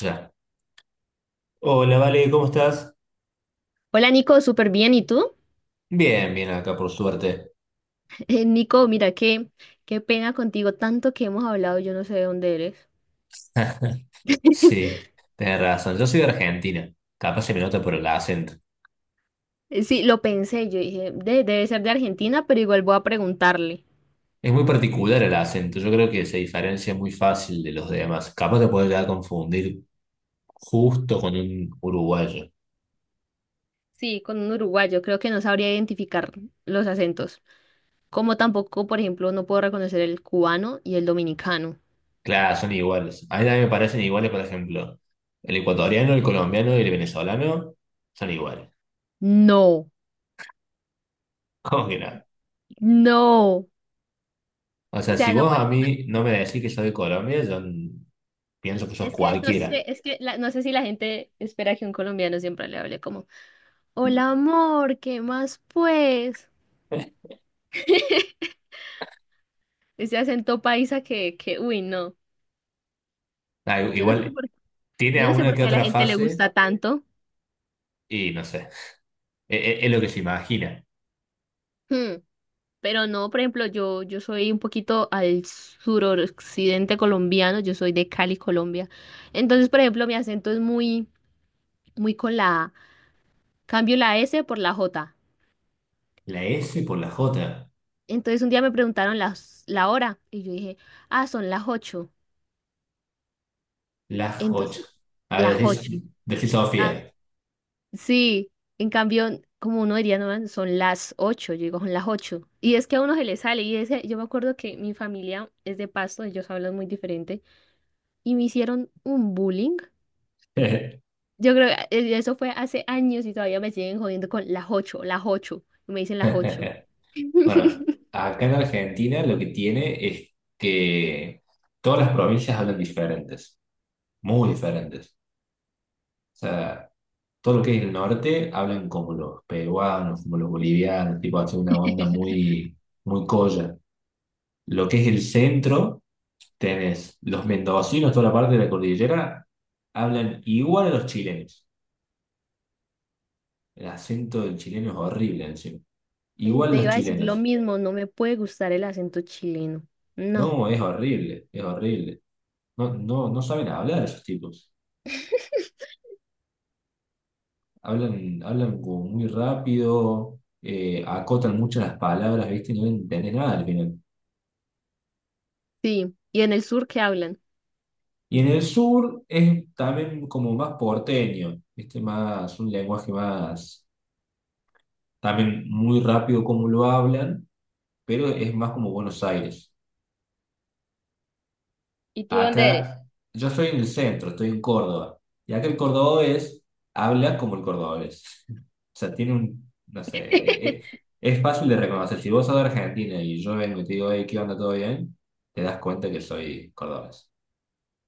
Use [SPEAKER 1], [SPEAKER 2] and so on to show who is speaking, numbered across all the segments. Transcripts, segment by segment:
[SPEAKER 1] Ya. Hola, Vale, ¿cómo estás?
[SPEAKER 2] Hola Nico, súper bien. ¿Y tú?
[SPEAKER 1] Bien, bien acá, por suerte.
[SPEAKER 2] Nico, mira, qué pena contigo, tanto que hemos hablado, yo no sé de dónde eres.
[SPEAKER 1] Sí, tenés razón. Yo soy de Argentina. Capaz se me nota por el acento.
[SPEAKER 2] Sí, lo pensé, yo dije, Debe ser de Argentina, pero igual voy a preguntarle."
[SPEAKER 1] Es muy particular el acento. Yo creo que se diferencia muy fácil de los demás. Capaz te puedes llegar a confundir justo con un uruguayo.
[SPEAKER 2] Sí, con un uruguayo, creo que no sabría identificar los acentos. Como tampoco, por ejemplo, no puedo reconocer el cubano y el dominicano.
[SPEAKER 1] Claro, son iguales. A mí también me parecen iguales, por ejemplo, el ecuatoriano, el colombiano y el venezolano son iguales.
[SPEAKER 2] No,
[SPEAKER 1] ¿Cómo que no?
[SPEAKER 2] no.
[SPEAKER 1] O
[SPEAKER 2] O
[SPEAKER 1] sea, si
[SPEAKER 2] sea,
[SPEAKER 1] vos a mí no me decís que soy de Colombia, pienso que sos
[SPEAKER 2] es que no
[SPEAKER 1] cualquiera.
[SPEAKER 2] sé, es que no sé si la gente espera que un colombiano siempre le hable como, hola amor, ¿qué más pues? Ese acento paisa uy, no.
[SPEAKER 1] Ah,
[SPEAKER 2] Yo no sé
[SPEAKER 1] igual
[SPEAKER 2] por,
[SPEAKER 1] tiene
[SPEAKER 2] yo
[SPEAKER 1] a
[SPEAKER 2] no sé
[SPEAKER 1] una
[SPEAKER 2] por
[SPEAKER 1] que
[SPEAKER 2] qué a la
[SPEAKER 1] otra
[SPEAKER 2] gente le
[SPEAKER 1] fase
[SPEAKER 2] gusta tanto.
[SPEAKER 1] y no sé. Es, lo que se imagina.
[SPEAKER 2] Hmm. Pero no, por ejemplo, yo soy un poquito al suroccidente colombiano, yo soy de Cali, Colombia. Entonces, por ejemplo, mi acento es muy, muy con la A. Cambio la S por la J.
[SPEAKER 1] La S por la J.
[SPEAKER 2] Entonces un día me preguntaron la hora y yo dije, ah, son las ocho.
[SPEAKER 1] Las 8.
[SPEAKER 2] Entonces,
[SPEAKER 1] A
[SPEAKER 2] las
[SPEAKER 1] ver,
[SPEAKER 2] ocho.
[SPEAKER 1] decís
[SPEAKER 2] Ah,
[SPEAKER 1] Sofía.
[SPEAKER 2] sí, en cambio, como uno diría, no, man, son las ocho, yo digo, son las ocho. Y es que a uno se le sale, y ese, yo me acuerdo que mi familia es de Pasto, ellos hablan muy diferente, y me hicieron un bullying. Yo creo que eso fue hace años y todavía me siguen jodiendo con las ocho, y me dicen las ocho.
[SPEAKER 1] Bueno, acá en Argentina lo que tiene es que todas las provincias hablan diferentes. Muy diferentes. O sea, todo lo que es el norte hablan como los peruanos, como los bolivianos, tipo, hace una onda muy colla. Lo que es el centro. Tenés los mendocinos, toda la parte de la cordillera, hablan igual a los chilenos. El acento del chileno es horrible encima.
[SPEAKER 2] Y
[SPEAKER 1] Igual
[SPEAKER 2] te
[SPEAKER 1] los
[SPEAKER 2] iba a decir lo
[SPEAKER 1] chilenos.
[SPEAKER 2] mismo, no me puede gustar el acento chileno. No,
[SPEAKER 1] No, es horrible, es horrible. No, no, no saben hablar esos tipos. Hablan como muy rápido, acotan mucho las palabras, ¿viste? No entendés nada al final.
[SPEAKER 2] sí, y en el sur que hablan.
[SPEAKER 1] Y en el sur es también como más porteño, ¿viste? Más, un lenguaje más, también muy rápido como lo hablan, pero es más como Buenos Aires.
[SPEAKER 2] ¿Y tú dónde eres?
[SPEAKER 1] Acá, yo estoy en el centro, estoy en Córdoba. Y acá el cordobés habla como el cordobés. O sea, tiene un, no sé, es fácil de reconocer. Si vos sos de Argentina y yo vengo y te digo, hey, ¿qué onda? ¿Todo bien? Te das cuenta que soy cordobés.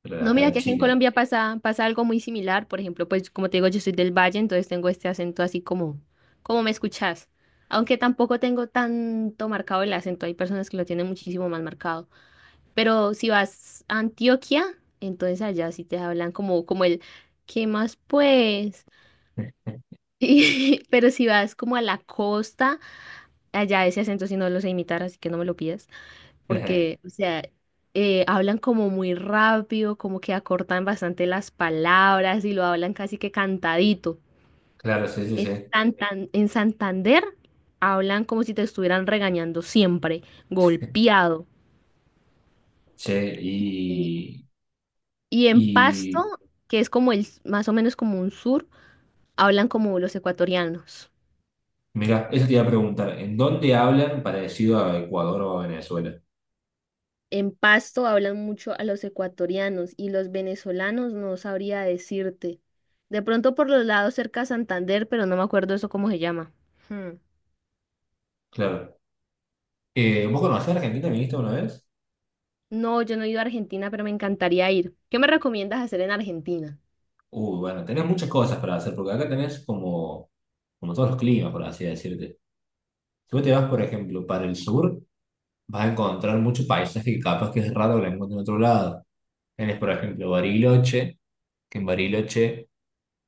[SPEAKER 1] Pero de
[SPEAKER 2] No,
[SPEAKER 1] acá a
[SPEAKER 2] mira
[SPEAKER 1] la
[SPEAKER 2] que aquí en
[SPEAKER 1] China.
[SPEAKER 2] Colombia pasa, pasa algo muy similar. Por ejemplo, pues como te digo, yo soy del Valle, entonces tengo este acento así como me escuchas. Aunque tampoco tengo tanto marcado el acento, hay personas que lo tienen muchísimo más marcado. Pero si vas a Antioquia, entonces allá sí te hablan como el, ¿qué más pues? Pero si vas como a la costa, allá ese acento sí no lo sé imitar, así que no me lo pidas porque, o sea, hablan como muy rápido, como que acortan bastante las palabras y lo hablan casi que cantadito.
[SPEAKER 1] Claro, sí, sí, sí.
[SPEAKER 2] En Santander hablan como si te estuvieran regañando siempre, golpeado.
[SPEAKER 1] Sí,
[SPEAKER 2] Y,
[SPEAKER 1] y,
[SPEAKER 2] y en Pasto,
[SPEAKER 1] y
[SPEAKER 2] que es como el, más o menos como un sur, hablan como los ecuatorianos.
[SPEAKER 1] mira, eso te iba a preguntar, ¿en dónde hablan parecido a Ecuador o a Venezuela?
[SPEAKER 2] En Pasto hablan mucho a los ecuatorianos y los venezolanos no sabría decirte. De pronto por los lados cerca a Santander, pero no me acuerdo eso cómo se llama. Hmm.
[SPEAKER 1] Claro. ¿Vos conocés a Argentina? ¿Viniste una vez?
[SPEAKER 2] No, yo no he ido a Argentina, pero me encantaría ir. ¿Qué me recomiendas hacer en Argentina?
[SPEAKER 1] Uy bueno, tenés muchas cosas para hacer, porque acá tenés como todos los climas, por así decirte. Si vos te vas, por ejemplo, para el sur, vas a encontrar mucho paisaje que capaz que es raro que lo encuentres en otro lado. Tenés, por ejemplo, Bariloche, que en Bariloche,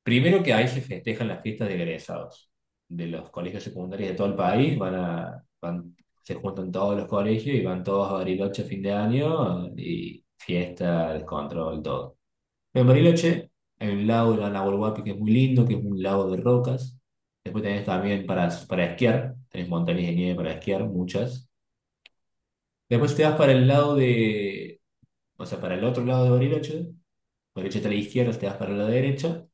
[SPEAKER 1] primero que ahí se festejan las fiestas de egresados. De los colegios secundarios de todo el país, se juntan todos los colegios y van todos a Bariloche a fin de año y fiesta, descontrol, todo. En Bariloche hay un lago El Guapi, que es muy lindo, que es un lago de rocas. Después tenés también para esquiar, tenés montañas de nieve para esquiar, muchas. Después te vas para el lado de, o sea, para el otro lado de Bariloche. Bariloche está a la izquierda, te vas para la derecha.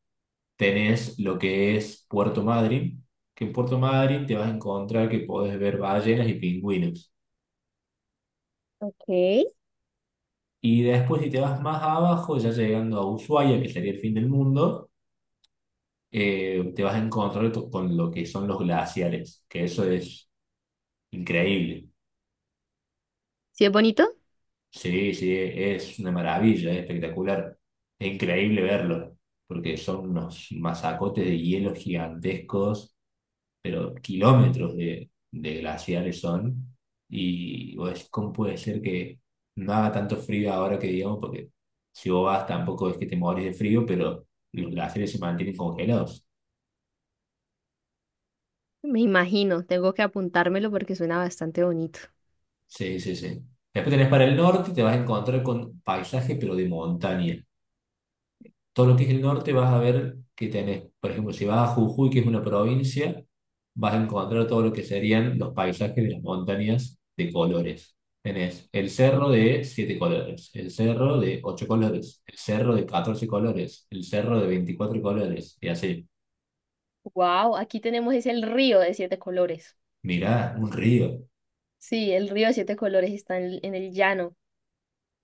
[SPEAKER 1] Tenés lo que es Puerto Madryn, que en Puerto Madryn te vas a encontrar que podés ver ballenas y pingüinos.
[SPEAKER 2] Ok.
[SPEAKER 1] Y después si te vas más abajo, ya llegando a Ushuaia, que sería el fin del mundo, te vas a encontrar con lo que son los glaciares, que eso es increíble.
[SPEAKER 2] ¿Sí es bonito?
[SPEAKER 1] Sí, sí, es una maravilla, es espectacular. Es increíble verlo, porque son unos masacotes de hielo gigantescos, pero kilómetros de glaciares son. Y vos decís, ¿cómo puede ser que no haga tanto frío ahora que digamos? Porque si vos vas tampoco es que te morís de frío, pero los glaciares se mantienen congelados.
[SPEAKER 2] Me imagino, tengo que apuntármelo porque suena bastante bonito.
[SPEAKER 1] Sí, sí, sí. Después tenés para el norte, te vas a encontrar con paisaje, pero de montaña. Todo lo que es el norte vas a ver que tenés, por ejemplo, si vas a Jujuy, que es una provincia, vas a encontrar todo lo que serían los paisajes de las montañas de colores. Tenés el cerro de siete colores, el cerro de ocho colores, el cerro de 14 colores, el cerro de 24 colores, y así.
[SPEAKER 2] Wow, aquí tenemos es el río de siete colores.
[SPEAKER 1] Mirá, un río.
[SPEAKER 2] Sí, el río de siete colores está en el llano.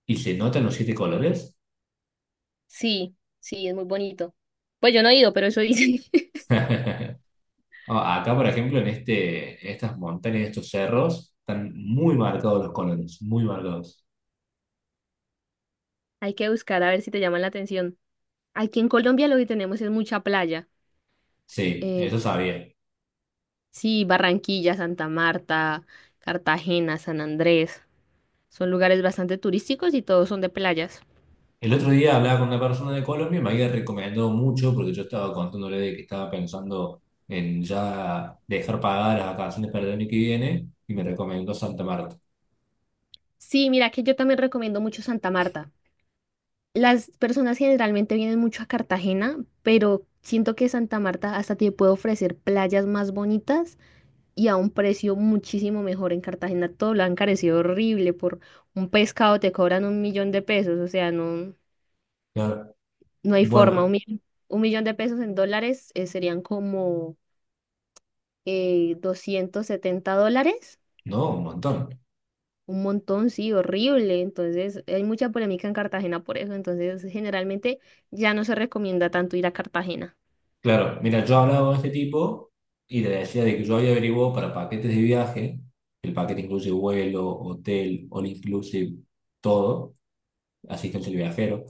[SPEAKER 1] ¿Y se notan los siete colores?
[SPEAKER 2] Sí, sí, es muy bonito. Pues yo no he ido, pero eso dicen.
[SPEAKER 1] No, acá, por ejemplo, en en estas montañas, en estos cerros, están muy marcados los colores, muy marcados.
[SPEAKER 2] Hay que buscar a ver si te llaman la atención. Aquí en Colombia lo que tenemos es mucha playa.
[SPEAKER 1] Sí, eso
[SPEAKER 2] Eh,
[SPEAKER 1] sabía.
[SPEAKER 2] sí, Barranquilla, Santa Marta, Cartagena, San Andrés. Son lugares bastante turísticos y todos son de playas.
[SPEAKER 1] El otro día hablaba con una persona de Colombia y me había recomendado mucho porque yo estaba contándole de que estaba pensando en ya dejar pagadas las vacaciones para el año que viene y me recomendó Santa Marta.
[SPEAKER 2] Sí, mira que yo también recomiendo mucho Santa Marta. Las personas generalmente vienen mucho a Cartagena, pero siento que Santa Marta hasta te puede ofrecer playas más bonitas y a un precio muchísimo mejor. En Cartagena todo lo han encarecido horrible. Por un pescado te cobran 1.000.000 de pesos. O sea, no.
[SPEAKER 1] Y
[SPEAKER 2] No hay forma. Un
[SPEAKER 1] bueno,
[SPEAKER 2] millón, 1.000.000 de pesos en dólares serían como 270 dólares.
[SPEAKER 1] no, un montón.
[SPEAKER 2] Un montón, sí, horrible. Entonces, hay mucha polémica en Cartagena por eso. Entonces, generalmente ya no se recomienda tanto ir a Cartagena.
[SPEAKER 1] Claro, mira, yo hablaba con este tipo y le decía de que yo había averiguado para paquetes de viaje, el paquete incluye vuelo, hotel, all inclusive, todo, asistencia al viajero,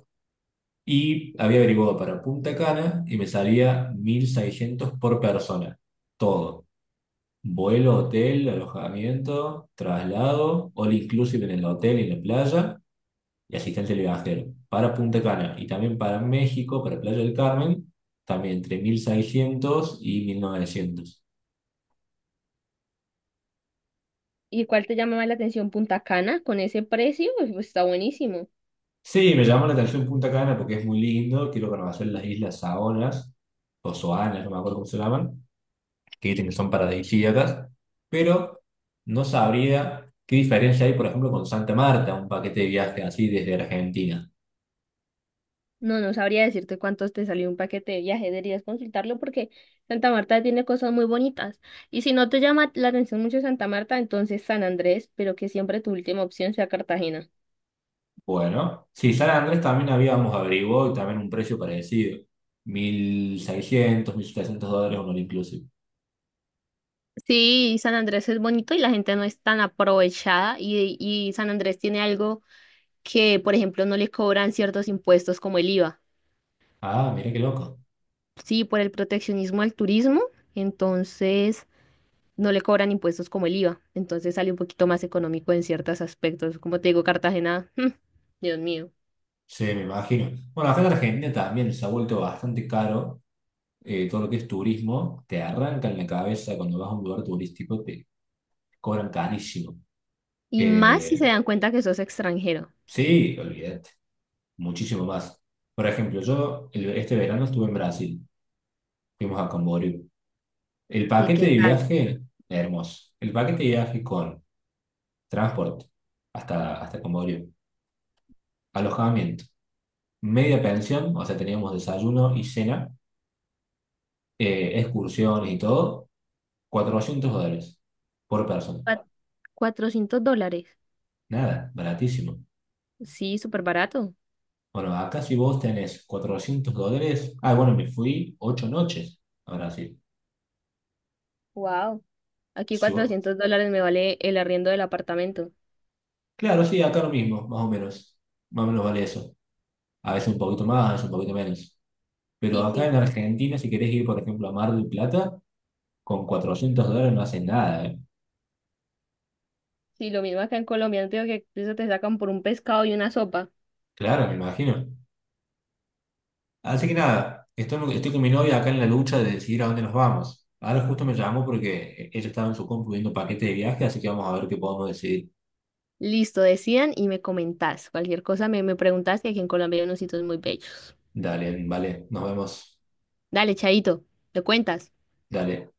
[SPEAKER 1] y había averiguado para Punta Cana y me salía 1.600 por persona, todo, vuelo, hotel, alojamiento, traslado, all inclusive en el hotel y en la playa, y asistente del viajero. Para Punta Cana y también para México, para Playa del Carmen, también entre 1.600 y 1.900.
[SPEAKER 2] ¿Y cuál te llama más la atención? Punta Cana, con ese precio, pues, está buenísimo.
[SPEAKER 1] Sí, me llamó la atención Punta Cana porque es muy lindo. Quiero conocer las islas Saonas o Soanas, no me acuerdo cómo se llaman, que dicen que son paradisíacas, pero no sabría qué diferencia hay, por ejemplo, con Santa Marta, un paquete de viaje así desde Argentina.
[SPEAKER 2] No, no sabría decirte cuántos te salió un paquete de viaje, deberías consultarlo porque Santa Marta tiene cosas muy bonitas. Y si no te llama la atención mucho Santa Marta, entonces San Andrés, pero que siempre tu última opción sea Cartagena.
[SPEAKER 1] Bueno, sí, San Andrés también habíamos averiguado y también un precio parecido. 1.600 1.700 dólares un all inclusive.
[SPEAKER 2] Sí, San Andrés es bonito y la gente no es tan aprovechada y San Andrés tiene algo que, por ejemplo, no le cobran ciertos impuestos como el IVA.
[SPEAKER 1] Ah, mira qué loco.
[SPEAKER 2] Sí, por el proteccionismo al turismo, entonces no le cobran impuestos como el IVA, entonces sale un poquito más económico en ciertos aspectos. Como te digo, Cartagena, Dios mío.
[SPEAKER 1] Sí, me imagino. Bueno, acá en Argentina también se ha vuelto bastante caro todo lo que es turismo. Te arrancan la cabeza cuando vas a un lugar turístico, te cobran carísimo.
[SPEAKER 2] Y más si se
[SPEAKER 1] Eh,
[SPEAKER 2] dan cuenta que sos extranjero.
[SPEAKER 1] sí, olvídate, muchísimo más. Por ejemplo, yo este verano estuve en Brasil, fuimos a Camboriú. El
[SPEAKER 2] ¿Y
[SPEAKER 1] paquete
[SPEAKER 2] qué
[SPEAKER 1] de
[SPEAKER 2] tal?
[SPEAKER 1] viaje, hermoso. El paquete de viaje con transporte hasta Camboriú, alojamiento, media pensión, o sea, teníamos desayuno y cena, excursiones y todo, 400 dólares por persona.
[SPEAKER 2] Cua- 400 dólares.
[SPEAKER 1] Nada, baratísimo.
[SPEAKER 2] Sí, súper barato.
[SPEAKER 1] Bueno, acá si vos tenés 400 dólares, ah, bueno, me fui 8 noches a Brasil.
[SPEAKER 2] Wow. Aquí
[SPEAKER 1] Si vos-
[SPEAKER 2] 400 dólares me vale el arriendo del apartamento.
[SPEAKER 1] Claro, sí, acá lo mismo, más o menos. Más o menos vale eso. A veces un poquito más, a veces un poquito menos. Pero
[SPEAKER 2] Sí,
[SPEAKER 1] acá
[SPEAKER 2] sí.
[SPEAKER 1] en Argentina, si querés ir, por ejemplo, a Mar del Plata, con 400 dólares no haces nada, ¿eh?
[SPEAKER 2] Sí, lo mismo acá en Colombia. No te digo que eso te sacan por un pescado y una sopa.
[SPEAKER 1] Claro, me imagino. Así que nada, estoy con mi novia acá en la lucha de decidir a dónde nos vamos. Ahora justo me llamó porque ella estaba en su compu viendo paquete de viaje, así que vamos a ver qué podemos decidir.
[SPEAKER 2] Listo, decidan y me comentás. Cualquier cosa me preguntás que aquí en Colombia hay unos sitios muy bellos.
[SPEAKER 1] Dale, vale, nos vemos.
[SPEAKER 2] Dale, Chaito, ¿te cuentas?
[SPEAKER 1] Dale.